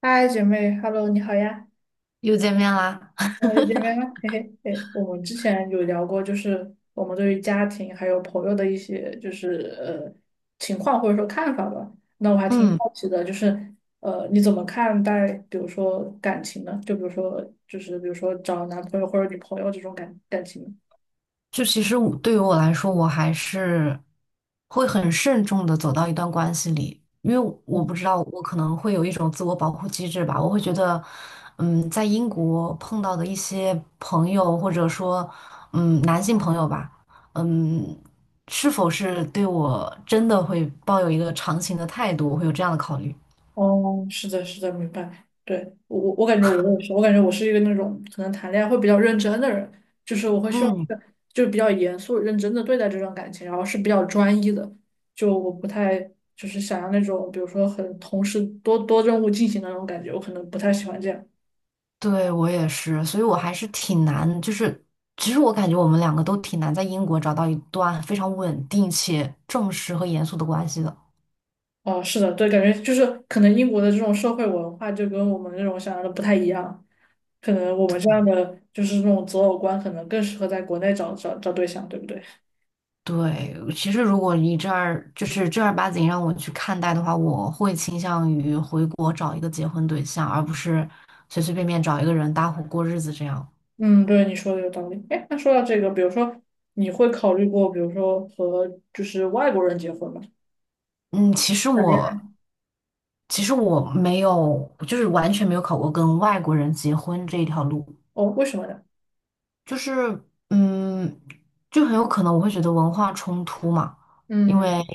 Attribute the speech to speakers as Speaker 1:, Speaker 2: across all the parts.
Speaker 1: 嗨，姐妹，Hello，你好呀，
Speaker 2: 又见面啦。
Speaker 1: 我是姐妹吗？嘿嘿，嘿，我们之前有聊过，就是我们对于家庭还有朋友的一些，就是情况或者说看法吧。那我还挺
Speaker 2: 嗯，
Speaker 1: 好奇的，就是你怎么看待，比如说感情呢？就比如说，就是比如说找男朋友或者女朋友这种感情呢？
Speaker 2: 其实对我来说，我还是会很慎重的走到一段关系里，因为我不知道，我可能会有一种自我保护机制吧。我会觉得，在英国碰到的一些朋友，或者说，男性朋友吧，嗯，是否是对我真的会抱有一个长情的态度，我会有这样的考虑。
Speaker 1: 哦，是的，是的，明白。对，我感觉我也是，我感觉我是一个那种可能谈恋爱会比较认真的人，就是我会希望
Speaker 2: 嗯。
Speaker 1: 是就是比较严肃认真的对待这段感情，然后是比较专一的，就我不太就是想要那种比如说很同时多任务进行的那种感觉，我可能不太喜欢这样。
Speaker 2: 对，我也是，所以我还是挺难，就是其实我感觉我们两个都挺难在英国找到一段非常稳定且正式和严肃的关系的。
Speaker 1: 哦，是的，对，感觉就是可能英国的这种社会文化就跟我们那种想象的不太一样，可能我们这样的就是那种择偶观可能更适合在国内找对象，对不对？
Speaker 2: 对，其实如果你这儿就是正儿八经让我去看待的话，我会倾向于回国找一个结婚对象，而不是随随便便找一个人搭伙过日子这样。
Speaker 1: 嗯，对，你说的有道理。哎，那说到这个，比如说，你会考虑过，比如说和就是外国人结婚吗？
Speaker 2: 嗯，其实
Speaker 1: 谈恋爱。
Speaker 2: 我其实我没有，就是完全没有考过跟外国人结婚这一条路。
Speaker 1: 哦，为什么呢？
Speaker 2: 就是，嗯，就很有可能我会觉得文化冲突嘛，因为，
Speaker 1: 嗯。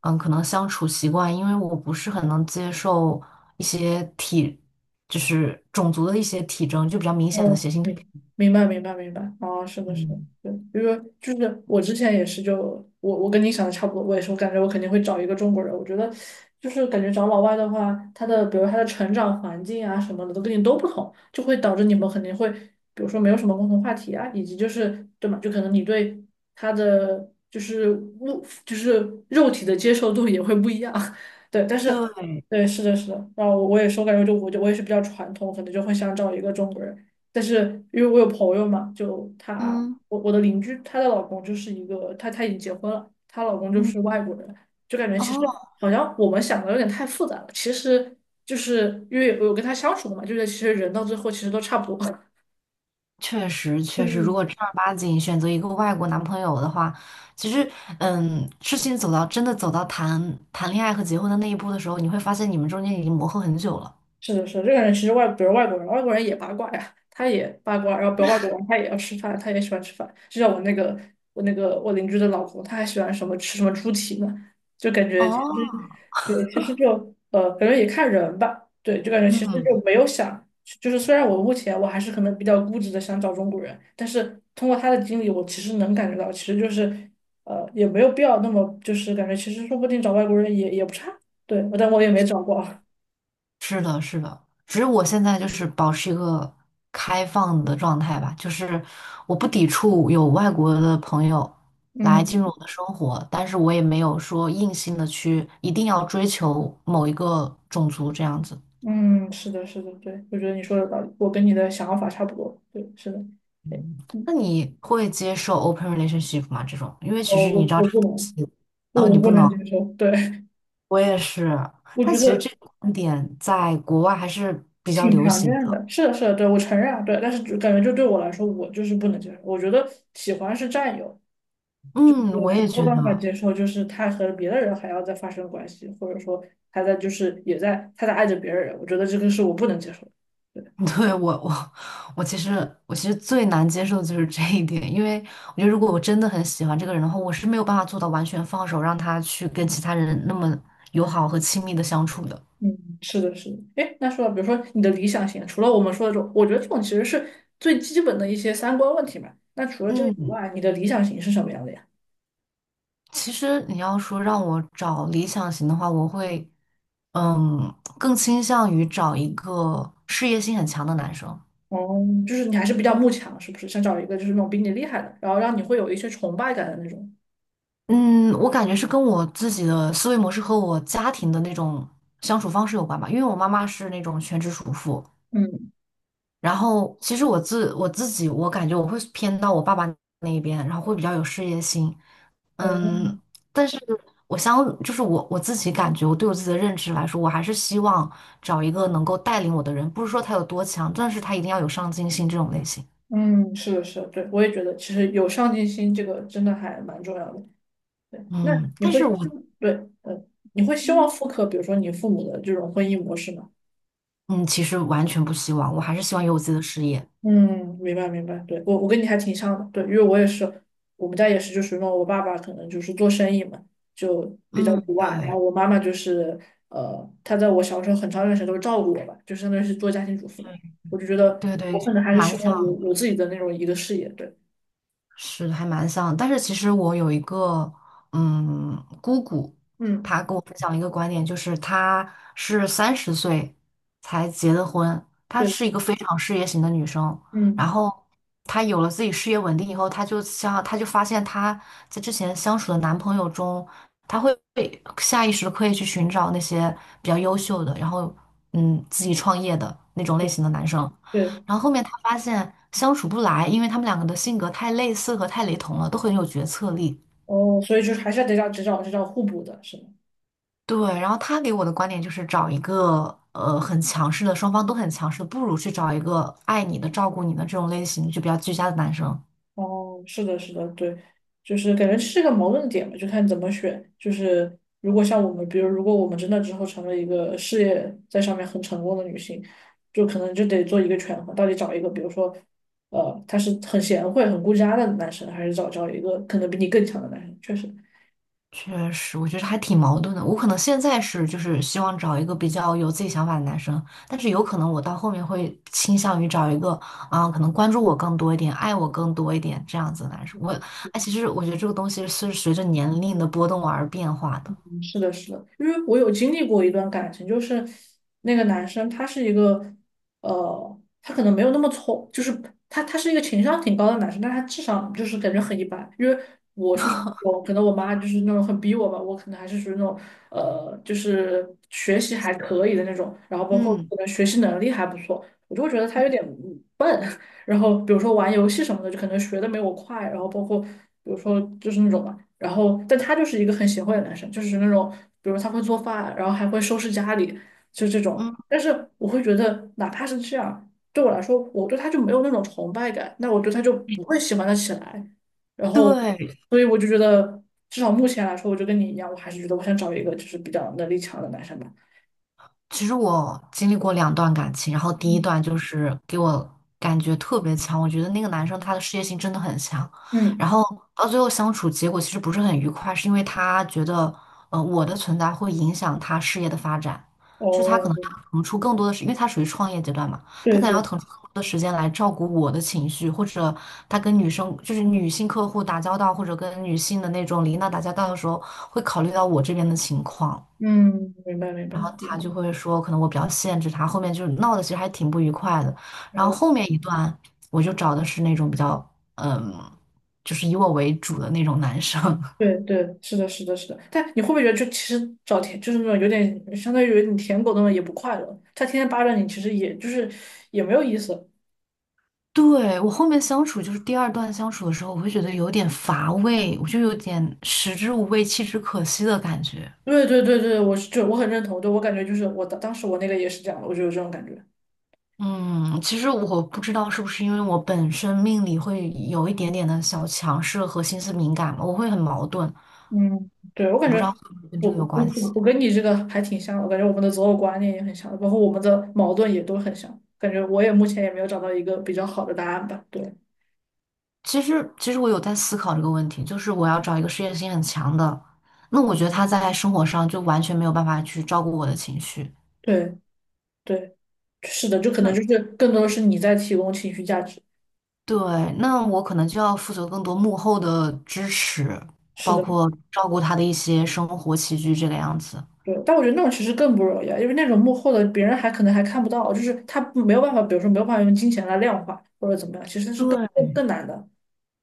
Speaker 2: 嗯，可能相处习惯，因为我不是很能接受一些体，就是种族的一些体征，就比较明显的
Speaker 1: 哦，
Speaker 2: 血腥。
Speaker 1: 明白明白，哦，是的，是的，
Speaker 2: 嗯，
Speaker 1: 对，因为就是我之前也是就，我跟你想的差不多，我也是，我感觉我肯定会找一个中国人，我觉得就是感觉找老外的话，他的比如他的成长环境啊什么的都跟你都不同，就会导致你们肯定会，比如说没有什么共同话题啊，以及就是对嘛，就可能你对他的就是物就是肉体的接受度也会不一样，对，但是
Speaker 2: 对，
Speaker 1: 对，是的，是的，然后我也是，我感觉就我也是比较传统，可能就会想找一个中国人。但是因为我有朋友嘛，就她，
Speaker 2: 嗯
Speaker 1: 我的邻居，她的老公就是一个，她已经结婚了，她老公就
Speaker 2: 嗯，
Speaker 1: 是外国人，就感觉其实
Speaker 2: 哦，
Speaker 1: 好像我们想的有点太复杂了，其实就是因为我有跟她相处过嘛，就是其实人到最后其实都差不多，
Speaker 2: 确实确实，如果
Speaker 1: 嗯，
Speaker 2: 正儿八经选择一个外国男朋友的话，其实，嗯，事情走到真的走到谈谈恋爱和结婚的那一步的时候，你会发现你们中间已经磨合很久了。
Speaker 1: 是的，是的，这个人其实外，比如外国人，外国人也八卦呀，他也八卦，然后比如外国人他也要吃饭，他也喜欢吃饭。就像我那个我邻居的老婆，他还喜欢什么吃什么猪蹄呢，就感觉其实
Speaker 2: 哦。
Speaker 1: 对，其实，感觉也看人吧，对，就感觉其实
Speaker 2: 嗯。
Speaker 1: 就没有想，就是虽然我目前我还是可能比较固执的想找中国人，但是通过他的经历，我其实能感觉到，其实就是，也没有必要那么就是感觉其实说不定找外国人也不差，对，但我也没找过，
Speaker 2: 是的，是的，只是我现在就是保持一个开放的状态吧，就是我不抵触有外国的朋友来进入
Speaker 1: 嗯。
Speaker 2: 我的生活，但是我也没有说硬性的去一定要追求某一个种族这样子。
Speaker 1: 嗯，是的，是的，对，我觉得你说的道理，我跟你的想法差不多。对，是的，对，
Speaker 2: 嗯，
Speaker 1: 嗯，
Speaker 2: 那你会接受 open relationship 吗？这种，因为其
Speaker 1: 哦，
Speaker 2: 实你
Speaker 1: 我
Speaker 2: 知道
Speaker 1: 我
Speaker 2: 这个
Speaker 1: 不
Speaker 2: 东
Speaker 1: 能，
Speaker 2: 西，
Speaker 1: 不，
Speaker 2: 哦，
Speaker 1: 我
Speaker 2: 你
Speaker 1: 不
Speaker 2: 不
Speaker 1: 能
Speaker 2: 能，
Speaker 1: 接受。对，
Speaker 2: 我也是，
Speaker 1: 我
Speaker 2: 但
Speaker 1: 觉
Speaker 2: 其实这
Speaker 1: 得
Speaker 2: 个观点在国外还是比较
Speaker 1: 挺
Speaker 2: 流
Speaker 1: 常
Speaker 2: 行
Speaker 1: 见
Speaker 2: 的。
Speaker 1: 的。是的，是的，对，我承认啊，对，但是就感觉就对我来说，我就是不能接受。我觉得喜欢是占有，
Speaker 2: 嗯，我
Speaker 1: 我没
Speaker 2: 也
Speaker 1: 有
Speaker 2: 觉
Speaker 1: 办法接
Speaker 2: 得。
Speaker 1: 受，就是他和别的人还要再发生关系，或者说他在就是也在他在爱着别人，我觉得这个是我不能接受的。
Speaker 2: 对，我其实最难接受的就是这一点，因为我觉得如果我真的很喜欢这个人的话，我是没有办法做到完全放手，让他去跟其他人那么友好和亲密的相处的。
Speaker 1: 嗯，是的，是的。哎，那说到比如说你的理想型，除了我们说的这种，我觉得这种其实是最基本的一些三观问题嘛。那除了这个以
Speaker 2: 嗯，
Speaker 1: 外，你的理想型是什么样的呀？
Speaker 2: 其实你要说让我找理想型的话，我会嗯更倾向于找一个事业心很强的男生。
Speaker 1: 哦，就是你还是比较慕强，是不是？想找一个就是那种比你厉害的，然后让你会有一些崇拜感的那种。
Speaker 2: 嗯，我感觉是跟我自己的思维模式和我家庭的那种相处方式有关吧，因为我妈妈是那种全职主妇。
Speaker 1: 嗯，
Speaker 2: 然后其实我自己，我感觉我会偏到我爸爸那一边，然后会比较有事业心。
Speaker 1: 哦，
Speaker 2: 嗯，但是我相就是我我自己感觉，我对我自己的认知来说，我还是希望找一个能够带领我的人，不是说他有多强，但是他一定要有上进心这种类型。
Speaker 1: 嗯，是的，是的，对，我也觉得其实有上进心这个真的还蛮重要的。对，那
Speaker 2: 嗯，
Speaker 1: 你
Speaker 2: 但是
Speaker 1: 会，
Speaker 2: 我
Speaker 1: 对，嗯，你会希望
Speaker 2: 嗯，
Speaker 1: 复刻，比如说你父母的这种婚姻模式吗？
Speaker 2: 嗯其实完全不希望，我还是希望有我自己的事业。
Speaker 1: 嗯，明白明白，对，我跟你还挺像的，对，因为我也是，我们家也是，就属于那种我爸爸可能就是做生意嘛，就比较
Speaker 2: 嗯，
Speaker 1: 独爱，然
Speaker 2: 对
Speaker 1: 后我妈妈就是，她在我小时候很长一段时间都照顾我吧，就相当于是做家庭主妇嘛，我就觉得
Speaker 2: 对对，
Speaker 1: 我可能还是
Speaker 2: 蛮
Speaker 1: 希
Speaker 2: 想。
Speaker 1: 望有自己的那种一个事业，对，
Speaker 2: 是还蛮像的，但是其实我有一个姑姑，
Speaker 1: 嗯，
Speaker 2: 她跟我分享一个观点，就是她是30岁才结的婚，她
Speaker 1: 对，
Speaker 2: 是一个非常事业型的女生，然
Speaker 1: 嗯，
Speaker 2: 后她有了自己事业稳定以后，她就发现她在之前相处的男朋友中，她会下意识地刻意去寻找那些比较优秀的，然后自己创业的那种类型的男生。
Speaker 1: 对，
Speaker 2: 然后后面他发现相处不来，因为他们两个的性格太类似和太雷同了，都很有决策力。
Speaker 1: 哦，所以就是还是要得找只找互补的，是吗？
Speaker 2: 对，然后他给我的观点就是找一个很强势的，双方都很强势的，不如去找一个爱你的、照顾你的这种类型就比较居家的男生。
Speaker 1: 哦，是的，是的，对，就是感觉是个矛盾点嘛，就看怎么选。就是如果像我们，比如如果我们真的之后成了一个事业在上面很成功的女性，就可能就得做一个权衡，到底找一个，比如说，呃，他是很贤惠、很顾家的男生，还是找一个可能比你更强的男生？确实，
Speaker 2: 确实，我觉得还挺矛盾的。我可能现在是就是希望找一个比较有自己想法的男生，但是有可能我到后面会倾向于找一个可能关注我更多一点、爱我更多一点这样子的男生。哎，其实我觉得这个东西是随着年龄的波动而变化的。
Speaker 1: 是的，是的，因为我有经历过一段感情，就是那
Speaker 2: 嗯，
Speaker 1: 个男生他是一个，呃，他可能没有那么聪，就是他是一个情商挺高的男生，但他智商就是感觉很一般。因为我是我可能我妈就是那种很逼我吧，我可能还是属于那种呃，就是学习还可以的那种，然后包括
Speaker 2: 嗯，
Speaker 1: 可能学习能力还不错，我就会觉得他有点笨，然后比如说玩游戏什么的，就可能学的没我快，然后包括比如说就是那种嘛，然后但他就是一个很贤惠的男生，就是那种比如他会做饭，然后还会收拾家里，就这种。
Speaker 2: 嗯，
Speaker 1: 但是我会觉得，哪怕是这样，对我来说，我对他就没有那种崇拜感，那我对他就不会喜欢的起来。然后，
Speaker 2: 对，
Speaker 1: 所以我就觉得，至少目前来说，我就跟你一样，我还是觉得我想找一个就是比较能力强的男生吧。
Speaker 2: 其实我经历过两段感情，然后第一
Speaker 1: 嗯
Speaker 2: 段就是给我感觉特别强，我觉得那个男生他的事业心真的很强，然
Speaker 1: 嗯，
Speaker 2: 后到最后相处结果其实不是很愉快，是因为他觉得我的存在会影响他事业的发展，就是他可能
Speaker 1: 哦，
Speaker 2: 要腾出更多的时，因为他属于创业阶段嘛，他
Speaker 1: 对
Speaker 2: 可能要
Speaker 1: 对，
Speaker 2: 腾出更多的时间来照顾我的情绪，或者他跟女生就是女性客户打交道，或者跟女性的那种领导打交道的时候，会考虑到我这边的情况。
Speaker 1: 嗯，明白明白，
Speaker 2: 然后他
Speaker 1: 嗯，
Speaker 2: 就会说，可能我比较限制他，后面就是闹的其实还挺不愉快的。然后后
Speaker 1: 哦。
Speaker 2: 面一段，我就找的是那种比较，嗯，就是以我为主的那种男生。
Speaker 1: 对对，是的，是的，是的。但你会不会觉得，就其实找舔，就是那种有点相当于你舔狗那种，也不快乐。他天天扒着你，其实也就是也没有意思。
Speaker 2: 对，我后面相处，就是第二段相处的时候，我会觉得有点乏味，我就有点食之无味，弃之可惜的感觉。
Speaker 1: 对对对对，我是就我很认同。对我感觉就是我当当时我那个也是这样的，我就有这种感觉。
Speaker 2: 嗯，其实我不知道是不是因为我本身命里会有一点点的小强势和心思敏感嘛，我会很矛盾，
Speaker 1: 嗯，对，我感
Speaker 2: 我不
Speaker 1: 觉
Speaker 2: 知道会不会跟
Speaker 1: 我
Speaker 2: 这个有
Speaker 1: 我
Speaker 2: 关
Speaker 1: 我
Speaker 2: 系。
Speaker 1: 我跟你这个还挺像的，我感觉我们的择偶观念也很像，包括我们的矛盾也都很像。感觉我也目前也没有找到一个比较好的答案吧。对
Speaker 2: 其实我有在思考这个问题，就是我要找一个事业心很强的，那我觉得他在生活上就完全没有办法去照顾我的情绪。
Speaker 1: 对对，是的，就可能就
Speaker 2: 那
Speaker 1: 是更多的是你在提供情绪价值。
Speaker 2: 对，那我可能就要负责更多幕后的支持，
Speaker 1: 是
Speaker 2: 包
Speaker 1: 的。
Speaker 2: 括照顾他的一些生活起居这个样子。
Speaker 1: 对，但我觉得那种其实更不容易啊，因为那种幕后的别人还可能还看不到，就是他没有办法，比如说没有办法用金钱来量化或者怎么样，其实是更更
Speaker 2: 对。
Speaker 1: 更难的。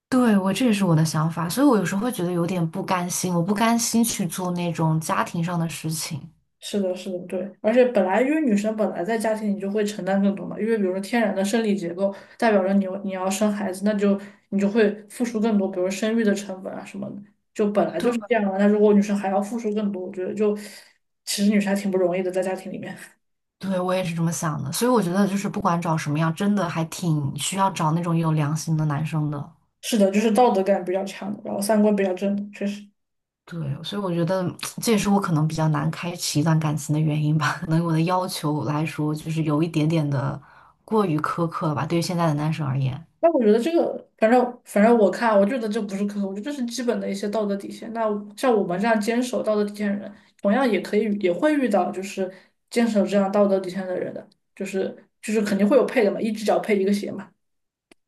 Speaker 2: 对，我这也是我的想法，所以我有时候会觉得有点不甘心，我不甘心去做那种家庭上的事情。
Speaker 1: 是的，是的，对，而且本来因为女生本来在家庭里就会承担更多嘛，因为比如说天然的生理结构代表着你有你要生孩子，那就你就会付出更多，比如生育的成本啊什么的，就本来就是
Speaker 2: 对。
Speaker 1: 这样的。那如果女生还要付出更多，我觉得就其实女生还挺不容易的，在家庭里面。
Speaker 2: 对，我也是这么想的，所以我觉得就是不管找什么样，真的还挺需要找那种有良心的男生的。
Speaker 1: 是的，就是道德感比较强的然后三观比较正的确实。
Speaker 2: 对，所以我觉得 这也是我可能比较难开启一段感情的原因吧。可能我的要求来说，就是有一点点的过于苛刻了吧，对于现在的男生而言，
Speaker 1: 那我觉得这个，反正我看，我觉得这不是苛刻，我觉得这是基本的一些道德底线。那像我们这样坚守道德底线的人，同样也可以也会遇到就是坚守这样道德底线的人的，就是肯定会有配的嘛，一只脚配一个鞋嘛。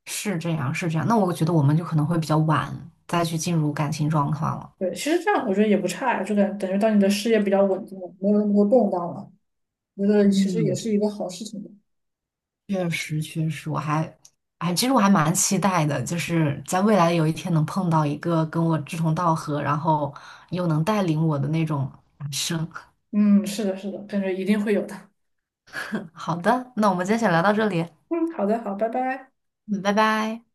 Speaker 2: 是这样，是这样。那我觉得我们就可能会比较晚再去进入感情状况了。
Speaker 1: 对，其实这样我觉得也不差呀，就感等于到你的事业比较稳定了，没有那么多动荡了，觉得其实也
Speaker 2: 嗯，
Speaker 1: 是一个好事情的。
Speaker 2: 确实，确实，哎，其实我还蛮期待的，就是在未来有一天能碰到一个跟我志同道合，然后又能带领我的那种男生。
Speaker 1: 嗯，是的，是的，感觉一定会有的。
Speaker 2: 好的，那我们今天先聊到这里，
Speaker 1: 嗯，好的，好，拜拜。
Speaker 2: 嗯，拜拜。